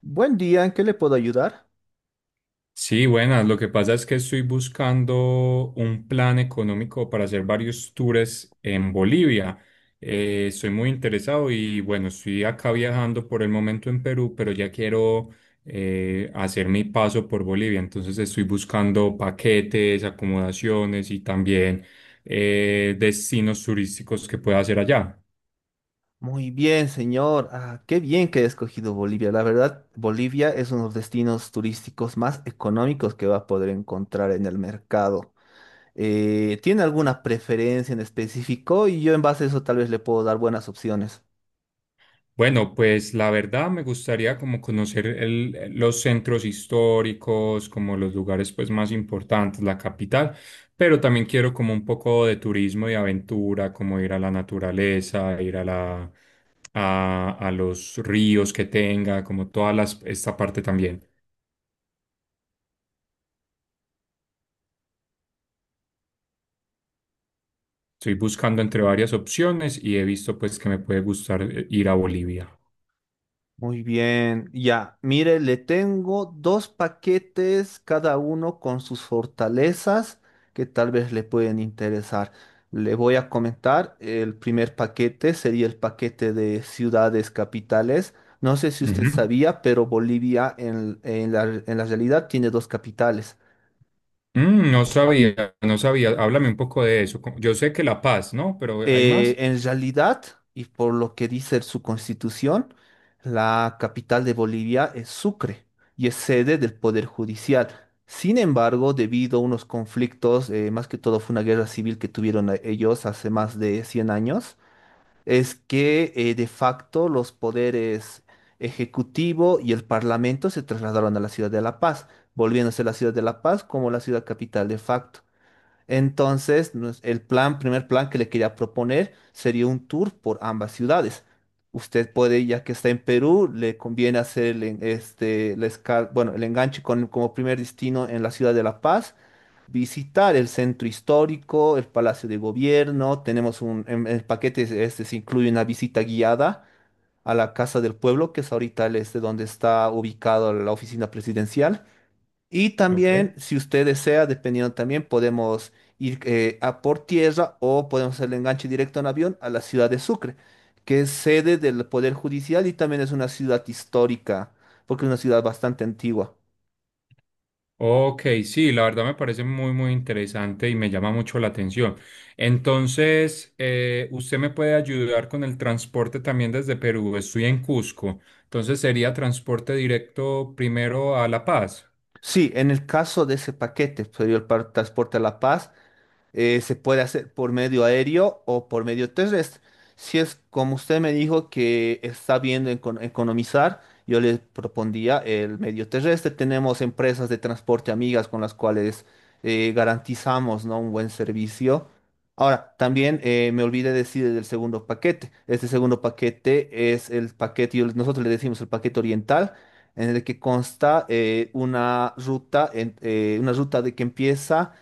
Buen día, ¿en qué le puedo ayudar? Sí, buenas. Lo que pasa es que estoy buscando un plan económico para hacer varios tours en Bolivia. Estoy muy interesado y bueno, estoy acá viajando por el momento en Perú, pero ya quiero hacer mi paso por Bolivia. Entonces estoy buscando paquetes, acomodaciones y también destinos turísticos que pueda hacer allá. Muy bien, señor. Ah, qué bien que he escogido Bolivia. La verdad, Bolivia es uno de los destinos turísticos más económicos que va a poder encontrar en el mercado. ¿Tiene alguna preferencia en específico? Y yo en base a eso tal vez le puedo dar buenas opciones. Bueno, pues la verdad me gustaría como conocer los centros históricos, como los lugares pues más importantes, la capital, pero también quiero como un poco de turismo y aventura, como ir a la naturaleza, ir a la a los ríos que tenga, como toda las, esta parte también. Estoy buscando entre varias opciones y he visto pues que me puede gustar ir a Bolivia. Muy bien, ya, mire, le tengo dos paquetes, cada uno con sus fortalezas que tal vez le pueden interesar. Le voy a comentar, el primer paquete sería el paquete de ciudades capitales. No sé si usted Ujú. sabía, pero Bolivia en la realidad tiene dos capitales. Mm, no sabía, no sabía. Háblame un poco de eso. Como... Yo sé que La Paz, ¿no? Pero hay Eh, más. en realidad, y por lo que dice su constitución, la capital de Bolivia es Sucre y es sede del Poder Judicial. Sin embargo, debido a unos conflictos, más que todo fue una guerra civil que ellos hace más de 100 años, es que de facto los poderes ejecutivo y el parlamento se trasladaron a la ciudad de La Paz, volviéndose la ciudad de La Paz como la ciudad capital de facto. Entonces, primer plan que le quería proponer sería un tour por ambas ciudades. Usted puede, ya que está en Perú, le conviene hacer el enganche como primer destino en la ciudad de La Paz, visitar el centro histórico, el Palacio de Gobierno. En el paquete este se incluye una visita guiada a la Casa del Pueblo, que es ahorita el este donde está ubicado la oficina presidencial. Y Ok. también, si usted desea, dependiendo también, podemos ir a por tierra o podemos hacer el enganche directo en avión a la ciudad de Sucre, que es sede del Poder Judicial y también es una ciudad histórica, porque es una ciudad bastante antigua. Ok, sí, la verdad me parece muy, muy interesante y me llama mucho la atención. Entonces, usted me puede ayudar con el transporte también desde Perú. Estoy en Cusco. Entonces, sería transporte directo primero a La Paz. Sí, en el caso de ese paquete, sería transporte a La Paz, se puede hacer por medio aéreo o por medio terrestre. Si es como usted me dijo que está viendo economizar, yo le propondría el medio terrestre. Tenemos empresas de transporte amigas con las cuales garantizamos, ¿no?, un buen servicio. Ahora, también me olvidé decir del segundo paquete. Este segundo paquete es el paquete, nosotros le decimos el paquete oriental, en el que consta una ruta de que empieza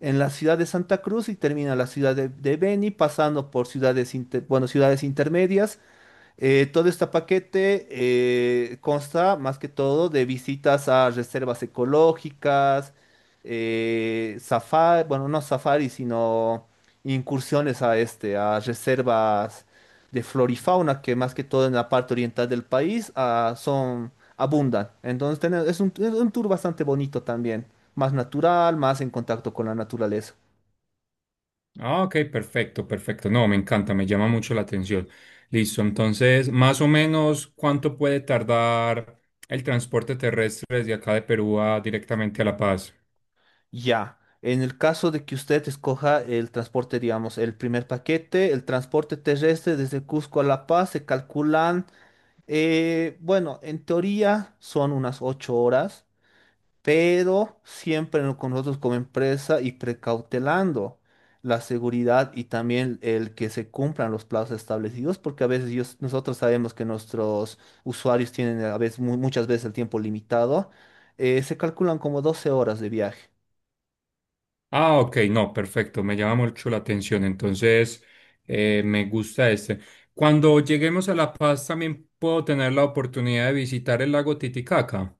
en la ciudad de Santa Cruz y termina en la ciudad de Beni, pasando por ciudades intermedias. Todo este paquete consta más que todo de visitas a reservas ecológicas, safari, bueno, no safari, sino incursiones a a reservas de flora y fauna que más que todo en la parte oriental del país son abundan. Entonces es un tour bastante bonito también, más natural, más en contacto con la naturaleza. Ah, ok, perfecto, perfecto. No, me encanta, me llama mucho la atención. Listo, entonces, más o menos, ¿cuánto puede tardar el transporte terrestre desde acá de Perú a directamente a La Paz? Ya, en el caso de que usted escoja el transporte, digamos, el primer paquete, el transporte terrestre desde Cusco a La Paz, se calculan, bueno, en teoría son unas 8 horas, pero siempre no- con nosotros como empresa y precautelando la seguridad y también el que se cumplan los plazos establecidos, porque a veces nosotros sabemos que nuestros usuarios tienen a veces, muchas veces el tiempo limitado, se calculan como 12 horas de viaje. Ah, ok, no, perfecto, me llama mucho la atención, entonces me gusta este. Cuando lleguemos a La Paz también puedo tener la oportunidad de visitar el lago Titicaca.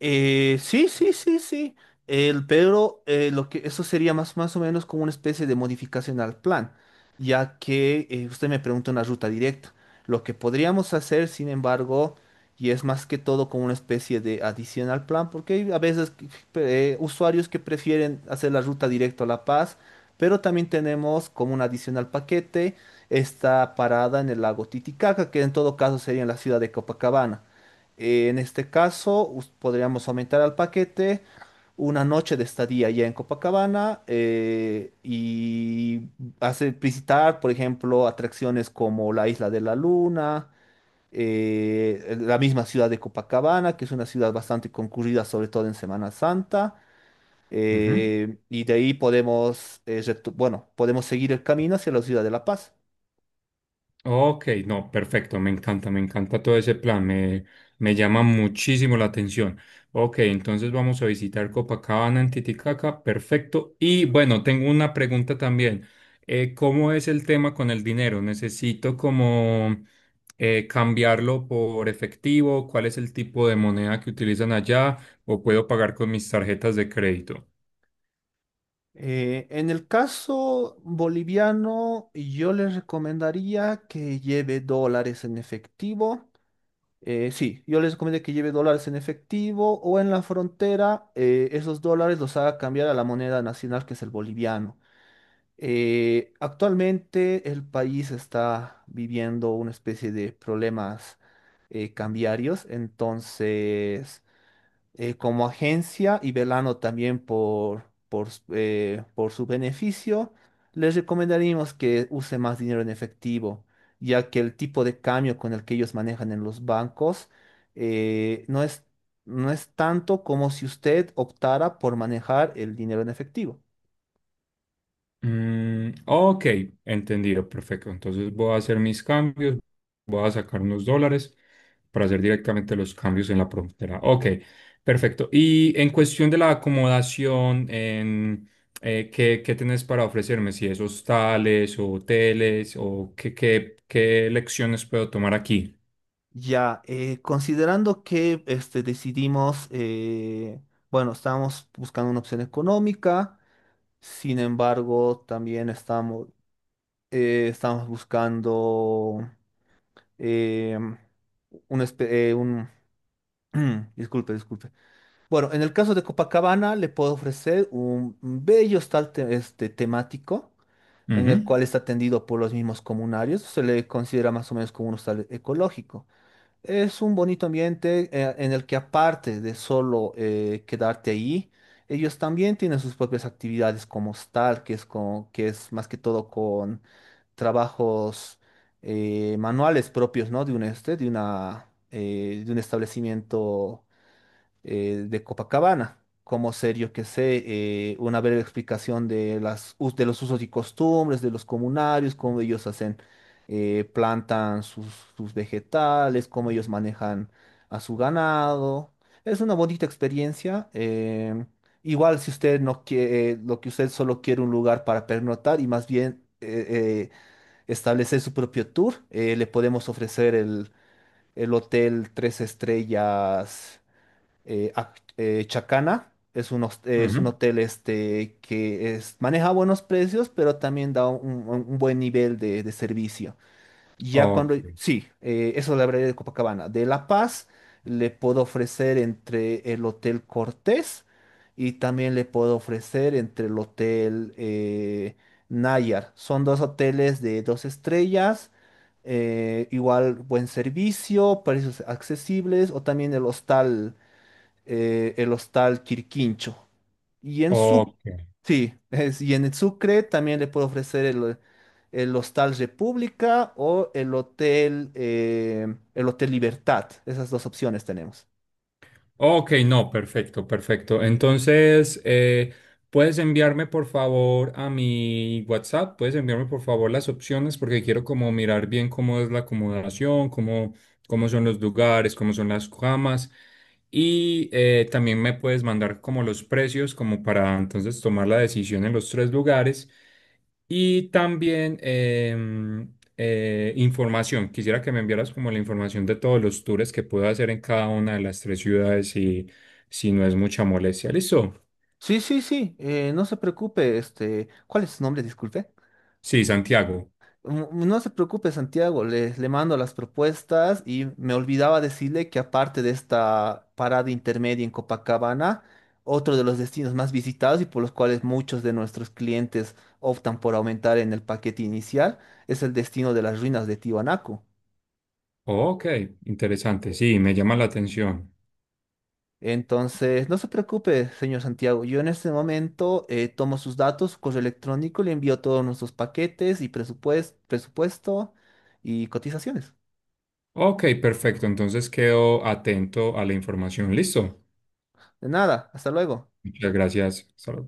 Sí, sí, sí, sí. Pero lo que eso sería más o menos como una especie de modificación al plan, ya que usted me pregunta una ruta directa. Lo que podríamos hacer, sin embargo, y es más que todo como una especie de adición al plan, porque hay a veces usuarios que prefieren hacer la ruta directa a La Paz, pero también tenemos como un adicional paquete esta parada en el lago Titicaca, que en todo caso sería en la ciudad de Copacabana. En este caso, podríamos aumentar al paquete una noche de estadía ya en Copacabana y hacer visitar, por ejemplo, atracciones como la Isla de la Luna, la misma ciudad de Copacabana, que es una ciudad bastante concurrida, sobre todo en Semana Santa. Ujú. Y de ahí podemos, podemos seguir el camino hacia la ciudad de La Paz. Ok, no, perfecto, me encanta todo ese plan, me llama muchísimo la atención. Ok, entonces vamos a visitar Copacabana en Titicaca, perfecto. Y bueno, tengo una pregunta también. ¿Cómo es el tema con el dinero? ¿Necesito como cambiarlo por efectivo? ¿Cuál es el tipo de moneda que utilizan allá? ¿O puedo pagar con mis tarjetas de crédito? En el caso boliviano, yo les recomendaría que lleve dólares en efectivo. Sí, yo les recomiendo que lleve dólares en efectivo o en la frontera, esos dólares los haga cambiar a la moneda nacional que es el boliviano. Actualmente el país está viviendo una especie de problemas cambiarios. Entonces como agencia y velando también por su beneficio, les recomendaríamos que use más dinero en efectivo, ya que el tipo de cambio con el que ellos manejan en los bancos eh, no es, no es tanto como si usted optara por manejar el dinero en efectivo. Mm, ok, entendido, perfecto. Entonces voy a hacer mis cambios, voy a sacar unos dólares para hacer directamente los cambios en la frontera. Ok, perfecto. Y en cuestión de la acomodación, en, ¿qué, qué tenés para ofrecerme? Si es hostales o hoteles o qué, qué, qué lecciones puedo tomar aquí. Ya, considerando que decidimos, bueno, estamos buscando una opción económica. Sin embargo, también estamos buscando eh, un, espe- eh, un- Disculpe, disculpe. Bueno, en el caso de Copacabana le puedo ofrecer un bello hostal temático en el Ujú, cual está atendido por los mismos comunarios. Se le considera más o menos como un hostal ecológico. Es un bonito ambiente en el que aparte de solo quedarte ahí, ellos también tienen sus propias actividades como hostal, que es más que todo trabajos manuales propios, ¿no? De un establecimiento de Copacabana. Como ser, yo que sé, una breve explicación de los usos y costumbres de los comunarios, cómo ellos hacen, plantan sus vegetales, cómo ellos manejan a su ganado. Es una bonita experiencia. Igual si usted no quiere, lo que usted solo quiere un lugar para pernotar y más bien establecer su propio tour. Le podemos ofrecer el hotel Tres Estrellas Chacana. Es un ujú. hotel maneja buenos precios, pero también da un buen nivel de servicio. Ya Ok, cuando, sí, eso es la variedad de Copacabana. De La Paz le puedo ofrecer entre el Hotel Cortés y también le puedo ofrecer entre el Hotel Nayar. Son dos hoteles de dos estrellas, igual buen servicio, precios accesibles, o también el hostal Quirquincho. Y en su, ok. sí, y en Sucre también le puedo ofrecer el Hostal República o el Hotel Libertad. Esas dos opciones tenemos. Ok, no, perfecto, perfecto. Entonces, puedes enviarme por favor a mi WhatsApp, puedes enviarme por favor las opciones porque quiero como mirar bien cómo es la acomodación, cómo, cómo son los lugares, cómo son las camas y también me puedes mandar como los precios como para entonces tomar la decisión en los 3 lugares. Y también información. Quisiera que me enviaras como la información de todos los tours que puedo hacer en cada una de las 3 ciudades y si no es mucha molestia. ¿Listo? Sí, sí, sí, no se preocupe, este, ¿cuál es su nombre? Disculpe. Sí, Santiago. Mm, no se preocupe, Santiago, le mando las propuestas, y me olvidaba decirle que aparte de esta parada intermedia en Copacabana, otro de los destinos más visitados y por los cuales muchos de nuestros clientes optan por aumentar en el paquete inicial es el destino de las ruinas de Tiwanaku. Ok, interesante. Sí, me llama la atención. Entonces, no se preocupe, señor Santiago, yo en este momento tomo sus datos, su correo electrónico, le envío todos nuestros paquetes y presupuesto y cotizaciones. Ok, perfecto. Entonces quedo atento a la información. ¿Listo? De nada, hasta luego. Muchas gracias. Hasta luego.